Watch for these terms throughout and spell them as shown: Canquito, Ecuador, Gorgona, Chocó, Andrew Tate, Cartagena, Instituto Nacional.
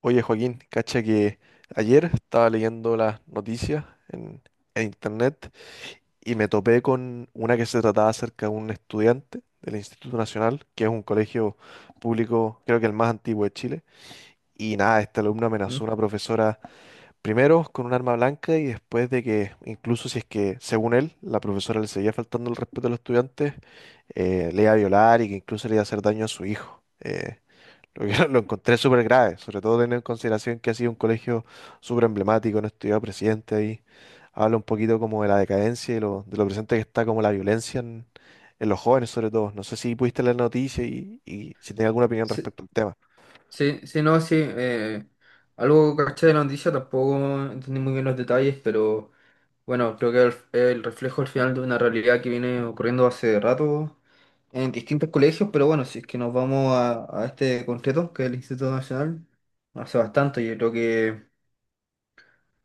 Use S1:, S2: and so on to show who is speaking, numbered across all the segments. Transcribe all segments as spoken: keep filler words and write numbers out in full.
S1: Oye, Joaquín, cacha que ayer estaba leyendo las noticias en, en internet y me topé con una que se trataba acerca de un estudiante del Instituto Nacional, que es un colegio público, creo que el más antiguo de Chile. Y nada, este alumno amenazó a
S2: Mm.
S1: una profesora primero con un arma blanca y después de que, incluso si es que, según él, la profesora le seguía faltando el respeto a los estudiantes, eh, le iba a violar y que incluso le iba a hacer daño a su hijo. Eh, lo, que- lo encontré súper grave, sobre todo teniendo en consideración que ha sido un colegio súper emblemático, no estudiaba presidente ahí. Habla un poquito como de la decadencia y lo, de lo presente que está como la violencia en, en los jóvenes, sobre todo. No sé si pudiste leer la noticia y, y si tienes alguna opinión
S2: Sí,
S1: respecto al tema.
S2: sí, sí, no, sí. Eh, algo que caché de la noticia, tampoco entendí muy bien los detalles, pero bueno, creo que es el, el reflejo al final de una realidad que viene ocurriendo hace rato en distintos colegios, pero bueno, si es que nos vamos a, a este concreto, que es el Instituto Nacional, hace bastante, yo creo que,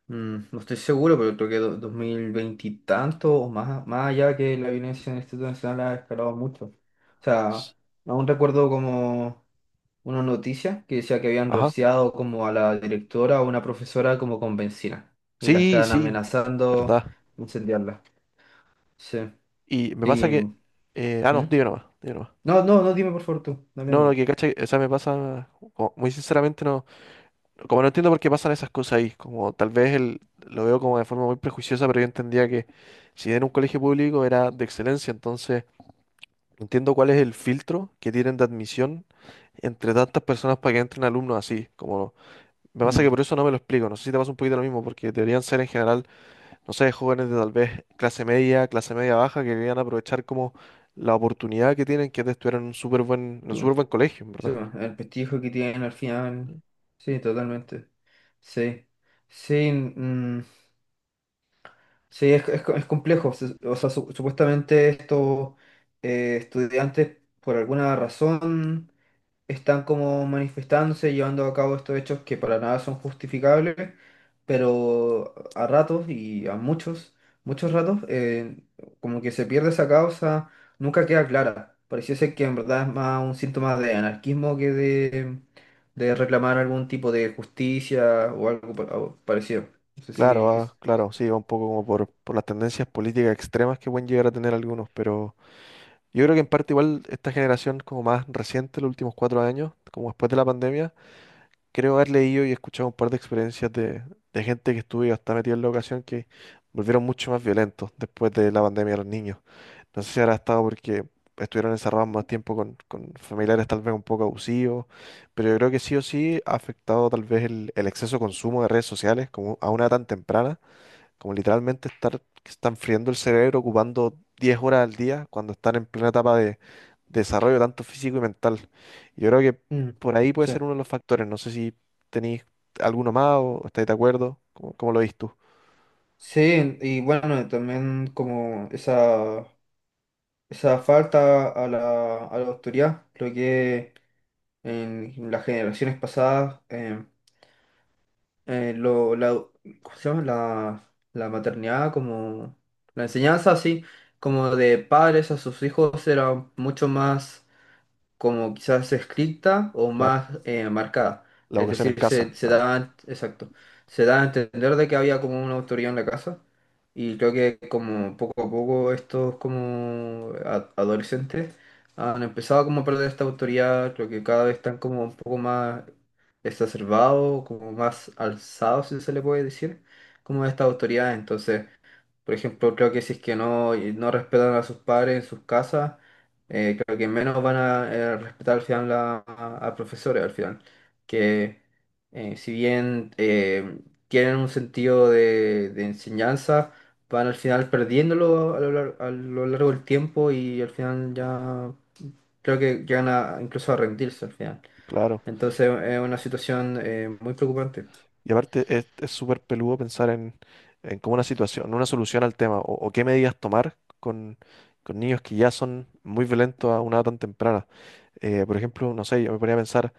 S2: mm, no estoy seguro, pero creo que do- dos mil veinte y tanto, o más, más allá que la violencia en el Instituto Nacional ha escalado mucho. O sea, aún recuerdo como unas noticias que decía que habían
S1: Ajá.
S2: rociado como a la directora o una profesora como con benzina y la
S1: Sí,
S2: estaban
S1: sí,
S2: amenazando
S1: verdad.
S2: incendiarla. Sí.
S1: Y me pasa
S2: Y,
S1: que...
S2: ¿Mm?
S1: eh, ah, no,
S2: ¿Mm?
S1: dime nomás, dime nomás.
S2: No, no, no, dime por favor tú. Dale,
S1: No, lo
S2: no.
S1: que cacha, que- o sea, me pasa, como- muy sinceramente no. Como no entiendo por qué pasan esas cosas ahí, como tal vez el, lo veo como de forma muy prejuiciosa, pero yo entendía que si era un colegio público era de excelencia, entonces entiendo cuál es el filtro que tienen de admisión entre tantas personas para que entren alumnos así, como me pasa
S2: Mm,
S1: que por eso no me lo explico, no sé si te pasa un poquito lo mismo, porque deberían ser en general, no sé, jóvenes de tal vez clase media, clase media baja, que querían aprovechar como la oportunidad que tienen, que es de estudiar en un súper buen, en un súper
S2: Tú.
S1: buen colegio, en
S2: Sí,
S1: verdad.
S2: bueno, el prestigio que tienen al final. Sí, totalmente. Sí. Sí, mm, mm, sí, es, es, es complejo. Se- O sea, su- supuestamente estos eh, estudiantes por alguna razón están como manifestándose, llevando a cabo estos hechos que para nada son justificables, pero a ratos y a muchos, muchos ratos, eh, como que se pierde esa causa, nunca queda clara. Pareciese que en verdad es más un síntoma de anarquismo que de, de reclamar algún tipo de justicia o algo pa- o parecido. No sé
S1: Claro,
S2: si...
S1: ah, claro, sí, va un poco como por, por las tendencias políticas extremas que pueden llegar a tener algunos, pero yo creo que en parte igual esta generación como más reciente, los últimos cuatro años, como después de la pandemia, creo haber leído y escuchado un par de experiencias de, de gente que estuvo y está metida en la ocasión que volvieron mucho más violentos después de la pandemia los niños. No sé si habrá estado porque estuvieron encerrados más tiempo con, con familiares tal vez un poco abusivos, pero yo creo que sí o sí ha afectado tal vez el, el exceso de consumo de redes sociales como a una edad tan temprana como literalmente estar, que están friendo el cerebro ocupando diez horas al día cuando están en plena etapa de desarrollo tanto físico y mental. Yo creo que
S2: Mm,
S1: por ahí puede
S2: Sí.
S1: ser uno de los factores. No sé si tenéis alguno más o estáis de acuerdo. ¿Cómo, cómo lo veis tú?
S2: Sí, y bueno, también como esa, esa falta a la, a la autoridad, creo que en las generaciones pasadas, eh, eh, lo, la, ¿cómo se llama? La, la maternidad, como la enseñanza así, como de padres a sus hijos, era mucho más como quizás escrita o
S1: Claro.
S2: más eh, marcada.
S1: La
S2: Es
S1: educación en
S2: decir, se,
S1: casa,
S2: se
S1: claro,
S2: da, exacto, se da a entender de que había como una autoría en la casa y creo que, como poco a poco, estos como a- adolescentes han empezado como a perder esta autoría, creo que cada vez están como un poco más exacerbados, como más alzados, si se le puede decir, como esta autoridad. Entonces, por ejemplo, creo que si es que no, no respetan a sus padres en sus casas, eh, creo que menos van a eh, respetar al final la- a, a profesores, al final. Que eh, si bien eh, tienen un sentido de, de enseñanza, van al final perdiéndolo a lo, lar- a lo largo del tiempo y al final ya creo que llegan a, incluso a rendirse al final.
S1: claro.
S2: Entonces es una situación eh, muy preocupante.
S1: Y aparte es es súper peludo pensar en, en como una situación, una solución al tema o, o qué medidas tomar con, con niños que ya son muy violentos a una edad tan temprana. Eh, por ejemplo, no sé, yo me ponía a pensar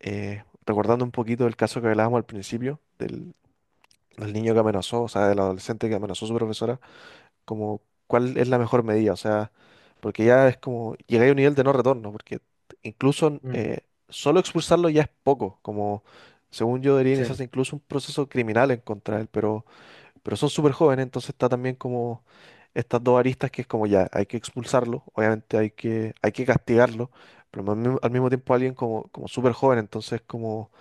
S1: eh, recordando un poquito el caso que hablábamos al principio, del, del niño que amenazó, o sea, del adolescente que amenazó a su profesora, como cuál es la mejor medida, o sea, porque ya es como, llegué a un nivel de no retorno, porque incluso
S2: Mm.
S1: eh, solo expulsarlo ya es poco, como según yo debería
S2: Sí.
S1: iniciarse incluso un proceso criminal en contra de él, pero, pero son súper jóvenes, entonces está también como estas dos aristas que es como ya, hay que expulsarlo, obviamente hay que, hay que castigarlo, pero al mismo, al mismo tiempo alguien como, como súper joven, entonces como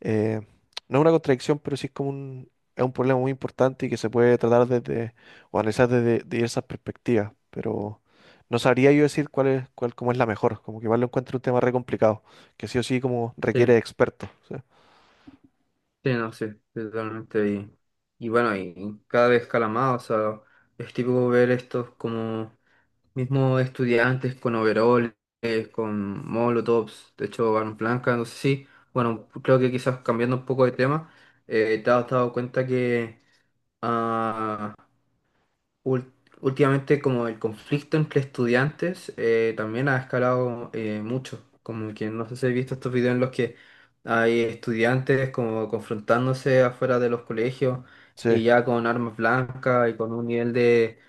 S1: eh, no es una contradicción, pero sí es como un, es un problema muy importante y que se puede tratar desde, o analizar desde diversas perspectivas, pero no sabría yo decir cuál es, cuál, cómo es la mejor, como que igual lo encuentro un tema re complicado, que sí o sí como requiere de
S2: Sí.
S1: expertos. O
S2: Sí, no, Sí, totalmente. Y, y bueno, y cada vez cala más, o sea, es típico ver estos como mismos estudiantes con overoles, con molotovs, de hecho, armas blancas, no sé si, bueno, creo que quizás cambiando un poco de tema, eh, te has dado cuenta que ah, Ul- últimamente como el conflicto entre estudiantes eh, también ha escalado eh, mucho, como que no sé si he visto estos videos en los que hay estudiantes como confrontándose afuera de los colegios
S1: sí,
S2: y ya con armas blancas y con un nivel de,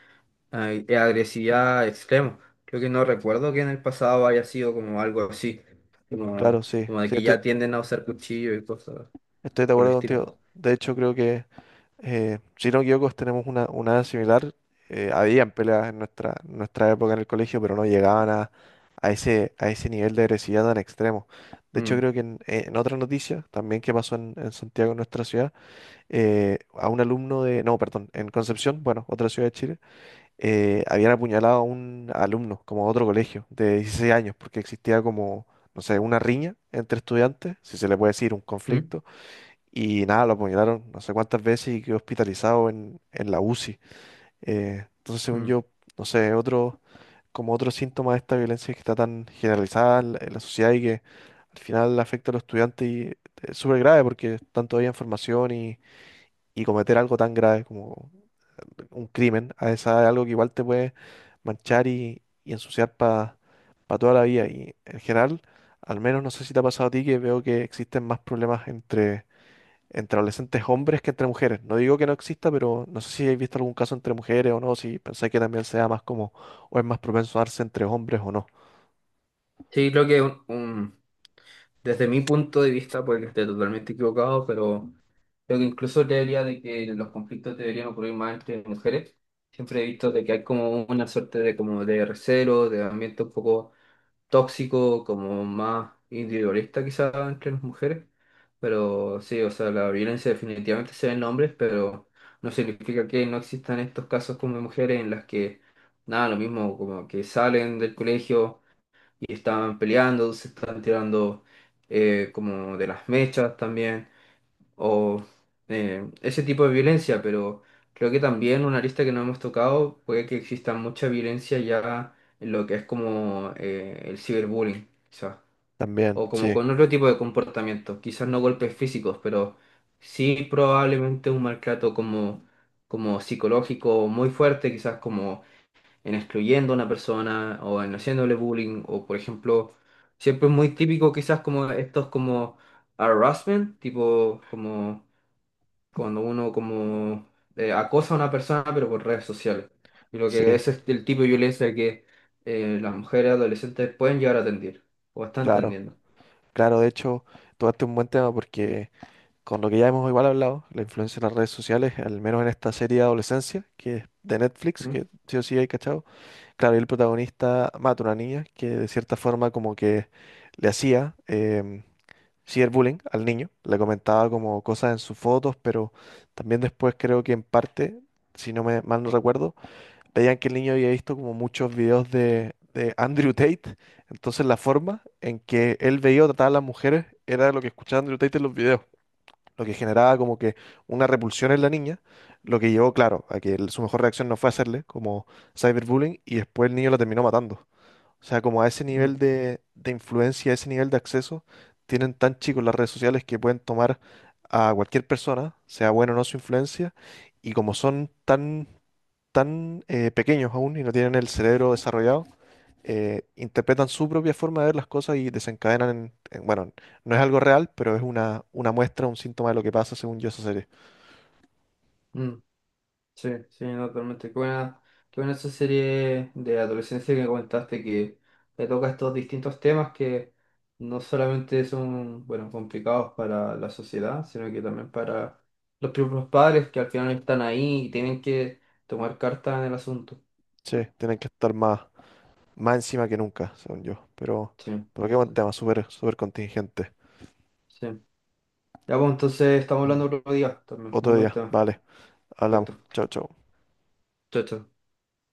S2: eh, de agresividad extremo. Creo que no recuerdo que en el pasado haya sido como algo así, como,
S1: claro, sí,
S2: como de
S1: sí,
S2: que
S1: estoy,
S2: ya tienden a usar cuchillo y cosas
S1: estoy de
S2: por el
S1: acuerdo contigo.
S2: estilo.
S1: De hecho, creo que eh, si no me equivoco, tenemos una, una edad similar. Eh, habían peleas en nuestra, nuestra época en el colegio, pero no llegaban a, a ese, a ese nivel de agresividad tan extremo. De hecho,
S2: Mm,
S1: creo que en, en otra noticia, también que pasó en, en Santiago, en nuestra ciudad, eh, a un alumno de, no, perdón, en Concepción, bueno, otra ciudad de Chile, eh, habían apuñalado a un alumno, como a otro colegio, de 16 años, porque existía como, no sé, una riña entre estudiantes, si se le puede decir, un
S2: mm,
S1: conflicto y nada, lo apuñalaron no sé cuántas veces y quedó hospitalizado en, en la UCI. Eh, entonces, según
S2: mm.
S1: yo, no sé, otro, como otro síntoma de esta violencia que está tan generalizada en la, en la sociedad y que al final afecta a los estudiantes y es súper grave porque están todavía en formación y, y cometer algo tan grave como un crimen a esa edad es algo que igual te puede manchar y, y ensuciar para toda la vida. Y en general, al menos no sé si te ha pasado a ti que veo que existen más problemas entre entre adolescentes hombres que entre mujeres. No digo que no exista, pero no sé si habéis visto algún caso entre mujeres o no, si pensáis que también sea más como, o es más propenso a darse entre hombres o no.
S2: Sí, creo que un, un- desde mi punto de vista, puede que esté totalmente equivocado, pero creo que incluso creería de que los conflictos deberían ocurrir más entre mujeres. Siempre he visto de que hay como una suerte de como de recelo, de ambiente un poco tóxico, como más individualista quizás entre las mujeres. Pero sí, o sea, la violencia definitivamente se ve en hombres, pero no significa que no existan estos casos como de mujeres en las que, nada, lo mismo, como que salen del colegio y estaban peleando, se estaban tirando eh, como de las mechas también, o eh, ese tipo de violencia, pero creo que también una arista que no hemos tocado puede que exista mucha violencia ya en lo que es como eh, el ciberbullying, quizás,
S1: También,
S2: o como
S1: sí,
S2: con otro tipo de comportamiento, quizás no golpes físicos, pero sí probablemente un maltrato como, como psicológico muy fuerte, quizás como en excluyendo a una persona o en haciéndole bullying o, por ejemplo, siempre es muy típico quizás como estos como harassment, tipo como cuando uno como eh, acosa a una persona pero por redes sociales. Y lo que
S1: sí,
S2: ese es el tipo de violencia que eh, las mujeres adolescentes pueden llegar a atender o están
S1: claro.
S2: atendiendo.
S1: Claro, de hecho, tocaste un buen tema porque con lo que ya hemos igual hablado, la influencia de las redes sociales, al menos en esta serie de adolescencia, que es de Netflix,
S2: ¿Mm?
S1: que sí o sí hay cachado, claro, y el protagonista mata a una niña que de cierta forma como que le hacía, em, cyberbullying al niño, le comentaba como cosas en sus fotos, pero también después creo que en parte, si no me mal no recuerdo, veían que el niño había visto como muchos videos de, de Andrew Tate, entonces la forma en que él veía o trataba a las mujeres era lo que escuchaba Andrew Tate en los videos, lo que generaba como que una repulsión en la niña, lo que llevó, claro, a que el- su mejor reacción no fue hacerle como cyberbullying y después el niño la terminó matando. O sea, como a ese
S2: Mm,
S1: nivel de, de influencia, a ese nivel de acceso, tienen tan chicos las redes sociales que pueden tomar a cualquier persona, sea bueno o no su influencia, y como son tan, tan eh, pequeños aún y no tienen el cerebro desarrollado, eh, interpretan su propia forma de ver las cosas y desencadenan en, en- bueno, no es algo real, pero es una, una muestra, un síntoma de lo que pasa según yo esa serie.
S2: mm. Sí, sí, no, totalmente. Qué buena, qué buena esa serie de adolescencia que comentaste, que te toca estos distintos temas que no solamente son, bueno, complicados para la sociedad, sino que también para los propios padres que al final están ahí y tienen que tomar carta en el asunto.
S1: Sí, tienen que estar más, más encima que nunca, según yo. Pero,
S2: Sí,
S1: pero qué buen
S2: sí,
S1: tema, súper, súper contingente.
S2: sí. Ya, pues entonces estamos hablando otro día también. Muy
S1: Otro
S2: buen
S1: día,
S2: tema.
S1: vale. Hablamos.
S2: Perfecto.
S1: Chao, chao.
S2: Chao, chao.